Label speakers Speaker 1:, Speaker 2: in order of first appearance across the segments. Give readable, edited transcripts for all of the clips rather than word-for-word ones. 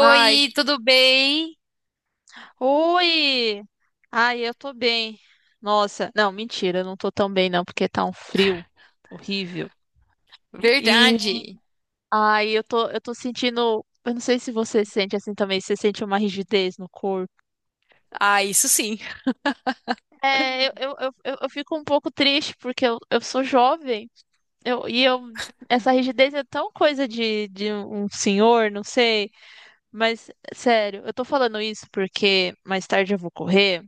Speaker 1: Ai,
Speaker 2: tudo bem?
Speaker 1: oi! Ai, eu tô bem. Nossa, não, mentira, eu não tô tão bem não, porque tá um frio horrível. E
Speaker 2: Verdade.
Speaker 1: ai, eu tô sentindo, eu não sei se você sente assim também, se você sente uma rigidez no corpo.
Speaker 2: Ah, isso sim.
Speaker 1: É, eu fico um pouco triste porque eu sou jovem. Eu, e eu essa rigidez é tão coisa de, um senhor, não sei, mas sério, eu tô falando isso porque mais tarde eu vou correr.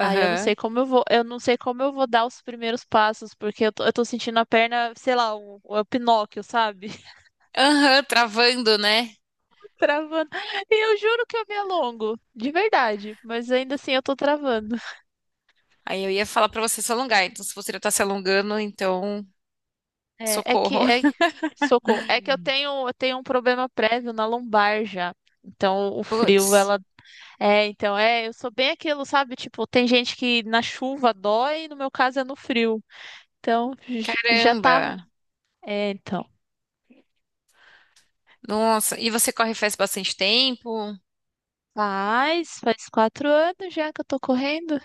Speaker 1: Aí eu não sei como eu vou, eu não sei como eu vou, dar os primeiros passos, porque eu tô sentindo a perna, sei lá, o Pinóquio, sabe?
Speaker 2: Aham, travando, né?
Speaker 1: Travando. E eu juro que eu me alongo, de verdade, mas ainda assim eu tô travando.
Speaker 2: Aí eu ia falar pra você se alongar. Então, se você já tá se alongando, então
Speaker 1: É que
Speaker 2: socorro.
Speaker 1: é socorro, é que eu tenho um problema prévio na lombar já. Então o frio,
Speaker 2: Putz,
Speaker 1: ela é, então é, eu sou bem aquilo, sabe? Tipo, tem gente que na chuva dói, no meu caso é no frio. Então já tá,
Speaker 2: caramba.
Speaker 1: é, então.
Speaker 2: Nossa, e você corre faz bastante tempo?
Speaker 1: Faz 4 anos já que eu tô correndo.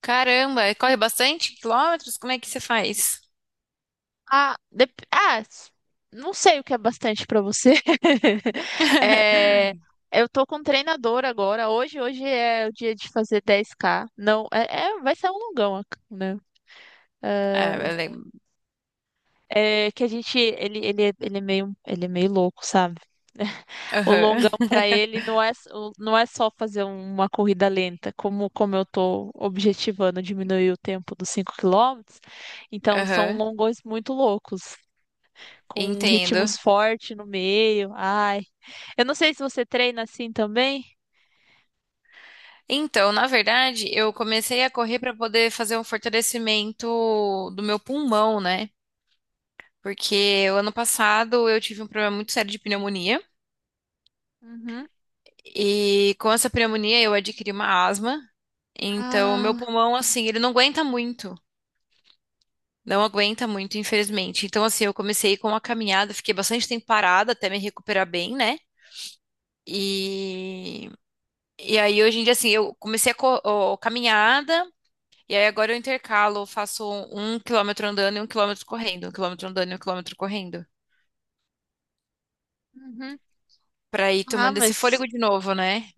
Speaker 2: Caramba, corre bastante quilômetros? Como é que você faz?
Speaker 1: Ah, não sei o que é bastante pra você. É, eu tô com um treinador agora. Hoje é o dia de fazer 10K. Não, vai ser um longão, né?
Speaker 2: Ah,
Speaker 1: É,
Speaker 2: beleza. Lembro.
Speaker 1: é que a gente, ele é meio, ele é meio louco, sabe? O
Speaker 2: Aham,
Speaker 1: longão para ele não é, não é só fazer uma corrida lenta, como eu tô objetivando diminuir o tempo dos 5 quilômetros. Então são
Speaker 2: aham.
Speaker 1: longões muito loucos, com
Speaker 2: Entendo.
Speaker 1: ritmos fortes no meio. Ai, eu não sei se você treina assim também.
Speaker 2: Então, na verdade, eu comecei a correr para poder fazer um fortalecimento do meu pulmão, né? Porque o ano passado eu tive um problema muito sério de pneumonia
Speaker 1: Uhum.
Speaker 2: e com essa pneumonia eu adquiri uma asma. Então, o meu
Speaker 1: Ah,
Speaker 2: pulmão, assim, ele não aguenta muito. Não aguenta muito, infelizmente. Então, assim, eu comecei com uma caminhada, fiquei bastante tempo parada até me recuperar bem, né? E, e aí, hoje em dia, assim, eu comecei a ó, caminhada. E aí agora eu intercalo, eu faço um quilômetro andando e um quilômetro correndo, um quilômetro andando e um quilômetro correndo,
Speaker 1: uhum.
Speaker 2: pra ir
Speaker 1: Ah,
Speaker 2: tomando esse
Speaker 1: mas
Speaker 2: fôlego de novo, né?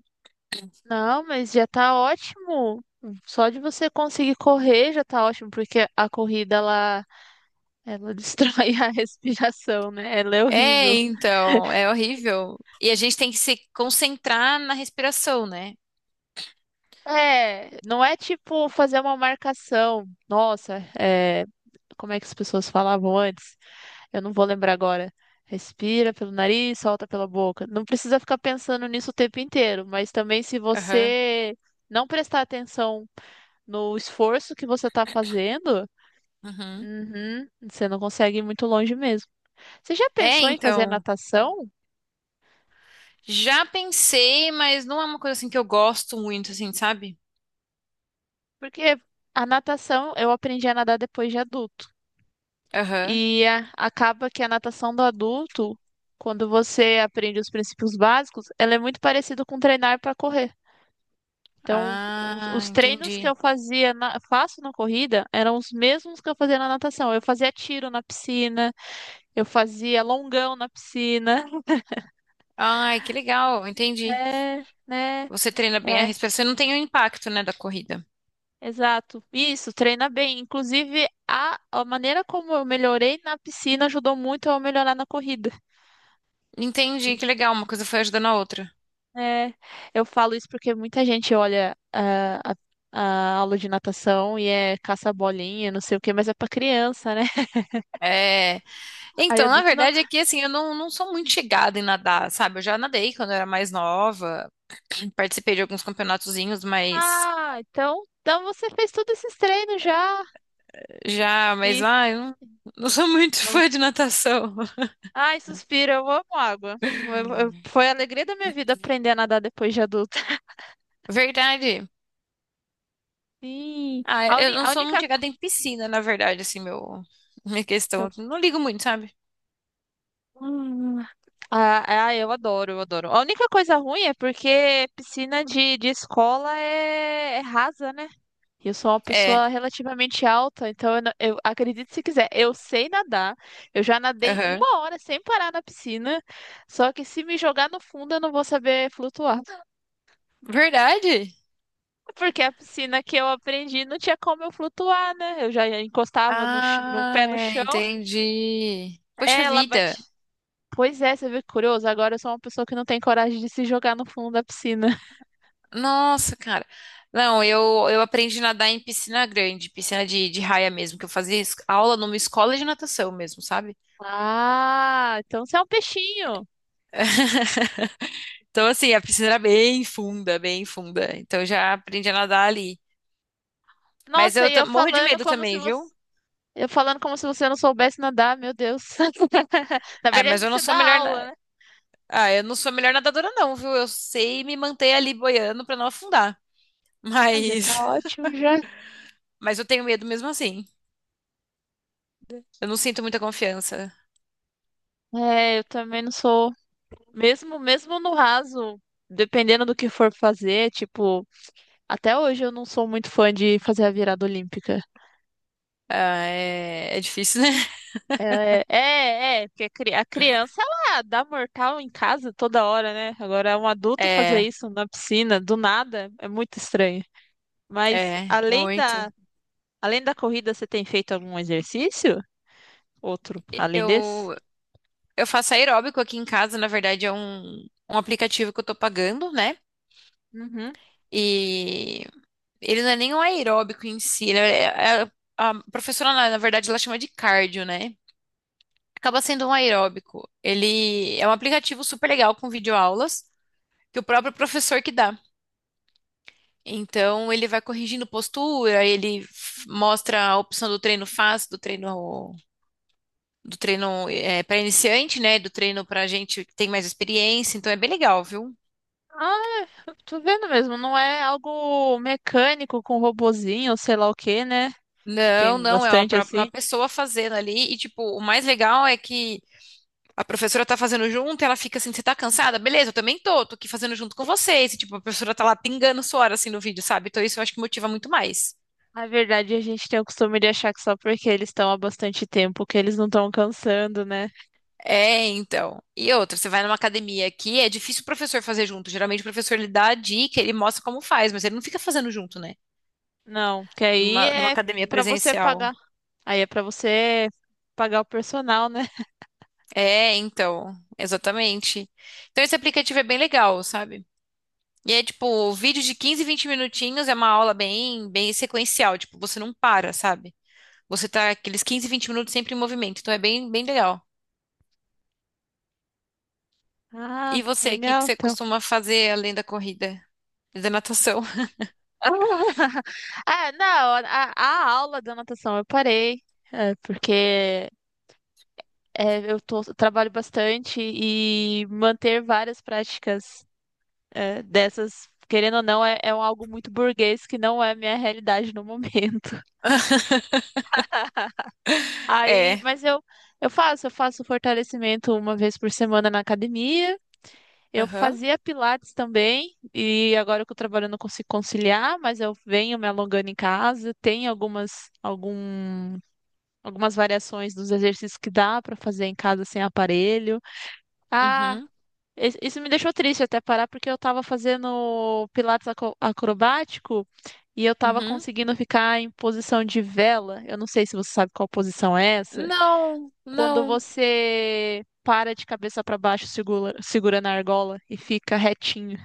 Speaker 1: não, mas já tá ótimo. Só de você conseguir correr já tá ótimo, porque a corrida ela, ela destrói a respiração, né? Ela é horrível.
Speaker 2: É, então, é horrível. E a gente tem que se concentrar na respiração, né?
Speaker 1: É, não é tipo fazer uma marcação. Nossa, é, como é que as pessoas falavam antes? Eu não vou lembrar agora. Respira pelo nariz, solta pela boca. Não precisa ficar pensando nisso o tempo inteiro, mas também se
Speaker 2: Aham.
Speaker 1: você não prestar atenção no esforço que você está fazendo,
Speaker 2: Uhum.
Speaker 1: uhum, você não consegue ir muito longe mesmo. Você já
Speaker 2: É,
Speaker 1: pensou em fazer
Speaker 2: então,
Speaker 1: natação?
Speaker 2: já pensei, mas não é uma coisa assim que eu gosto muito, assim, sabe?
Speaker 1: Porque a natação eu aprendi a nadar depois de adulto.
Speaker 2: Aham.
Speaker 1: E é, acaba que a natação do adulto, quando você aprende os princípios básicos, ela é muito parecida com treinar para correr. Então, os,
Speaker 2: Ah,
Speaker 1: os treinos que eu
Speaker 2: entendi.
Speaker 1: faço na corrida eram os mesmos que eu fazia na natação. Eu fazia tiro na piscina, eu fazia longão na piscina.
Speaker 2: Ai, que legal, entendi.
Speaker 1: É, né?
Speaker 2: Você treina bem a
Speaker 1: É,
Speaker 2: respiração e não tem o impacto, né, da corrida.
Speaker 1: exato. Isso, treina bem. Inclusive, a maneira como eu melhorei na piscina ajudou muito a eu melhorar na corrida.
Speaker 2: Entendi, que legal, uma coisa foi ajudando a outra.
Speaker 1: É, eu falo isso porque muita gente olha a aula de natação e é caça-bolinha, não sei o quê, mas é pra criança, né?
Speaker 2: É,
Speaker 1: Aí
Speaker 2: então, na
Speaker 1: adulto não.
Speaker 2: verdade, é que assim, eu não sou muito chegada em nadar, sabe? Eu já nadei quando eu era mais nova, participei de alguns campeonatozinhos, mas
Speaker 1: Ah, então você fez todos esses treinos já.
Speaker 2: já, mas
Speaker 1: E
Speaker 2: eu não sou muito
Speaker 1: não.
Speaker 2: fã de natação.
Speaker 1: Ai, suspiro, eu amo água. Foi a alegria da minha vida aprender a nadar depois de adulta.
Speaker 2: Verdade.
Speaker 1: Sim,
Speaker 2: Ah,
Speaker 1: a,
Speaker 2: eu
Speaker 1: uni,
Speaker 2: não
Speaker 1: a
Speaker 2: sou muito
Speaker 1: única.
Speaker 2: chegada em piscina, na verdade, assim, minha questão,
Speaker 1: Seu.
Speaker 2: assim. Não ligo muito, sabe?
Speaker 1: Hum. Ah, eu adoro, eu adoro. A única coisa ruim é porque piscina de escola é rasa, né? Eu sou uma
Speaker 2: É,
Speaker 1: pessoa relativamente alta, então eu acredito se quiser, eu sei nadar. Eu já nadei
Speaker 2: aham.
Speaker 1: uma hora sem parar na piscina, só que se me jogar no fundo eu não vou saber flutuar.
Speaker 2: Verdade?
Speaker 1: Porque a piscina que eu aprendi não tinha como eu flutuar, né? Eu já encostava no
Speaker 2: Ah,
Speaker 1: pé no
Speaker 2: é,
Speaker 1: chão,
Speaker 2: entendi. Poxa
Speaker 1: ela bate.
Speaker 2: vida.
Speaker 1: Pois é, você vê que curioso, agora eu sou uma pessoa que não tem coragem de se jogar no fundo da piscina.
Speaker 2: Nossa, cara. Não, eu aprendi a nadar em piscina grande, piscina de raia mesmo, que eu fazia aula numa escola de natação mesmo, sabe?
Speaker 1: Ah, então você é um peixinho.
Speaker 2: Então, assim, a piscina era bem funda, bem funda. Então, eu já aprendi a nadar ali. Mas
Speaker 1: Nossa,
Speaker 2: eu morro de medo também, viu?
Speaker 1: Eu falando como se você não soubesse nadar, meu Deus. Na
Speaker 2: Ah,
Speaker 1: verdade,
Speaker 2: mas eu não
Speaker 1: você
Speaker 2: sou a
Speaker 1: dá
Speaker 2: melhor.
Speaker 1: aula, né?
Speaker 2: Ah, eu não sou a melhor nadadora, não, viu? Eu sei me manter ali boiando pra não afundar.
Speaker 1: Ah, já
Speaker 2: Mas.
Speaker 1: tá ótimo já.
Speaker 2: Mas eu tenho medo mesmo assim. Eu não sinto muita confiança.
Speaker 1: É, eu também não sou. Mesmo, mesmo no raso, dependendo do que for fazer, tipo, até hoje eu não sou muito fã de fazer a virada olímpica.
Speaker 2: Ah, é difícil, né?
Speaker 1: É, porque a criança, ela dá mortal em casa toda hora, né? Agora, um adulto fazer
Speaker 2: É,
Speaker 1: isso na piscina, do nada, é muito estranho. Mas
Speaker 2: é,
Speaker 1: além da,
Speaker 2: muito.
Speaker 1: além da corrida, você tem feito algum exercício? Outro, além desse?
Speaker 2: Eu, eu faço aeróbico aqui em casa, na verdade é um aplicativo que eu tô pagando, né?
Speaker 1: Uhum.
Speaker 2: E ele não é nem um aeróbico em si, ele é- é- é, a professora, na verdade, ela chama de cardio, né? Acaba sendo um aeróbico. Ele é um aplicativo super legal com videoaulas que o próprio professor que dá. Então ele vai corrigindo postura, ele mostra a opção do treino fácil, do treino do treino para iniciante, né? Do treino para gente que tem mais experiência. Então é bem legal, viu?
Speaker 1: Ah, eu tô vendo mesmo, não é algo mecânico com robozinho, ou sei lá o que, né? Que
Speaker 2: Não,
Speaker 1: tem
Speaker 2: não, é
Speaker 1: bastante
Speaker 2: uma
Speaker 1: assim.
Speaker 2: pessoa fazendo ali, e tipo, o mais legal é que a professora tá fazendo junto, e ela fica assim, você tá cansada? Beleza, eu também tô aqui fazendo junto com vocês, e tipo, a professora tá lá pingando suor assim no vídeo, sabe? Então isso eu acho que motiva muito mais.
Speaker 1: Na verdade, a gente tem o costume de achar que só porque eles estão há bastante tempo que eles não estão cansando, né?
Speaker 2: É, então. E outra, você vai numa academia aqui, é difícil o professor fazer junto, geralmente o professor ele dá a dica, ele mostra como faz, mas ele não fica fazendo junto, né?
Speaker 1: Não, que aí
Speaker 2: Numa
Speaker 1: é
Speaker 2: academia
Speaker 1: pra você
Speaker 2: presencial.
Speaker 1: pagar. Aí é pra você pagar o personal, né?
Speaker 2: É, então, exatamente. Então esse aplicativo é bem legal, sabe? E é tipo, vídeo de 15, 20 minutinhos é uma aula bem, bem sequencial, tipo, você não para, sabe? Você tá aqueles 15, 20 minutos sempre em movimento, então é bem, bem legal.
Speaker 1: Ah,
Speaker 2: E você, o que que
Speaker 1: legal,
Speaker 2: você
Speaker 1: então.
Speaker 2: costuma fazer além da corrida e da natação?
Speaker 1: Ah, não, a aula da natação eu parei, porque eu trabalho bastante e manter várias práticas dessas, querendo ou não, é um algo muito burguês que não é minha realidade no momento. Aí,
Speaker 2: É.
Speaker 1: mas eu faço fortalecimento uma vez por semana na academia. Eu
Speaker 2: Aham.
Speaker 1: fazia pilates também, e agora que eu trabalho eu não consigo conciliar, mas eu venho me alongando em casa. Tem algumas variações dos exercícios que dá para fazer em casa sem aparelho. Ah,
Speaker 2: Uhum.
Speaker 1: Isso me deixou triste até parar, porque eu tava fazendo pilates acrobático e eu tava
Speaker 2: Uhum.
Speaker 1: conseguindo ficar em posição de vela. Eu não sei se você sabe qual posição é essa.
Speaker 2: Não,
Speaker 1: Quando
Speaker 2: não.
Speaker 1: você para de cabeça para baixo, segura, segura na argola e fica retinho.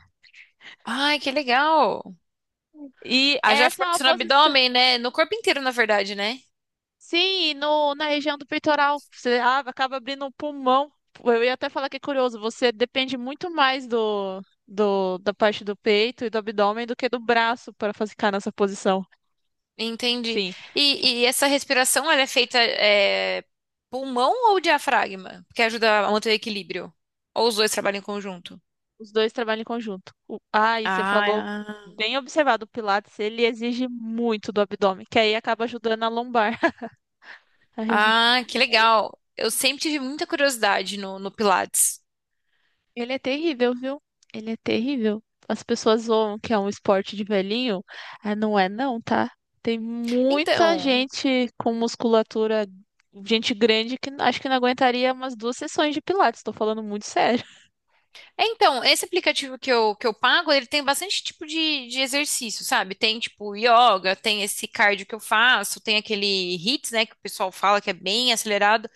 Speaker 2: Ai, que legal.
Speaker 1: E
Speaker 2: Haja
Speaker 1: essa é uma
Speaker 2: força no
Speaker 1: posição.
Speaker 2: abdômen, né? No corpo inteiro, na verdade, né?
Speaker 1: Sim, e no, na região do peitoral. Você acaba abrindo o pulmão. Eu ia até falar que é curioso, você depende muito mais da parte do peito e do abdômen do que do braço para ficar nessa posição.
Speaker 2: Entendi.
Speaker 1: Sim,
Speaker 2: E essa respiração, ela é feita pulmão ou diafragma? Porque ajuda a manter o equilíbrio. Ou os dois trabalham em conjunto?
Speaker 1: os dois trabalham em conjunto. E você falou,
Speaker 2: Ah,
Speaker 1: bem observado, o Pilates, ele exige muito do abdômen, que aí acaba ajudando a lombar. A região.
Speaker 2: ah, que legal. Eu sempre tive muita curiosidade no Pilates.
Speaker 1: Ele é terrível, viu? Ele é terrível. As pessoas zoam que é um esporte de velhinho. Ah, não é não, tá? Tem muita
Speaker 2: Então,
Speaker 1: gente com musculatura, gente grande que acho que não aguentaria umas duas sessões de pilates. Tô falando muito sério.
Speaker 2: então, esse aplicativo que eu pago, ele tem bastante tipo de exercício, sabe? Tem tipo yoga, tem esse cardio que eu faço, tem aquele HIIT, né, que o pessoal fala que é bem acelerado.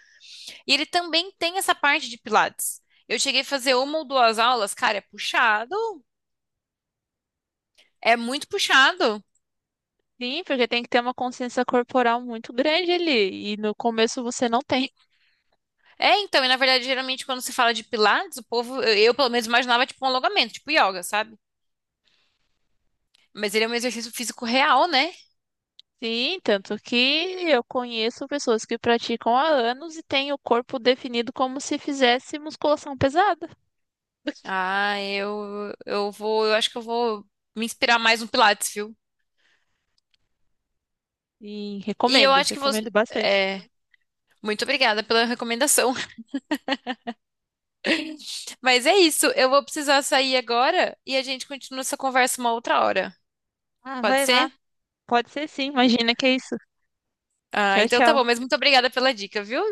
Speaker 2: E ele também tem essa parte de Pilates. Eu cheguei a fazer uma ou duas aulas, cara, é puxado. É muito puxado.
Speaker 1: Sim, porque tem que ter uma consciência corporal muito grande ali. E no começo você não tem.
Speaker 2: É, então, e na verdade, geralmente quando se fala de Pilates, o povo, eu, pelo menos imaginava tipo um alongamento, tipo yoga, sabe? Mas ele é um exercício físico real, né?
Speaker 1: Sim, tanto que eu conheço pessoas que praticam há anos e têm o corpo definido como se fizesse musculação pesada.
Speaker 2: Ah, eu acho que eu vou me inspirar mais no Pilates, viu?
Speaker 1: E
Speaker 2: E eu
Speaker 1: recomendo,
Speaker 2: acho que você
Speaker 1: recomendo bastante.
Speaker 2: é, Muito obrigada pela recomendação. Mas é isso, eu vou precisar sair agora e a gente continua essa conversa uma outra hora.
Speaker 1: Ah,
Speaker 2: Pode
Speaker 1: vai lá.
Speaker 2: ser?
Speaker 1: Pode ser sim. Imagina que é isso.
Speaker 2: Ah,
Speaker 1: Tchau,
Speaker 2: então tá
Speaker 1: tchau.
Speaker 2: bom, mas muito obrigada pela dica, viu?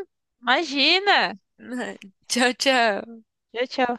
Speaker 1: Imagina!
Speaker 2: Tchau, tchau.
Speaker 1: Tchau, tchau.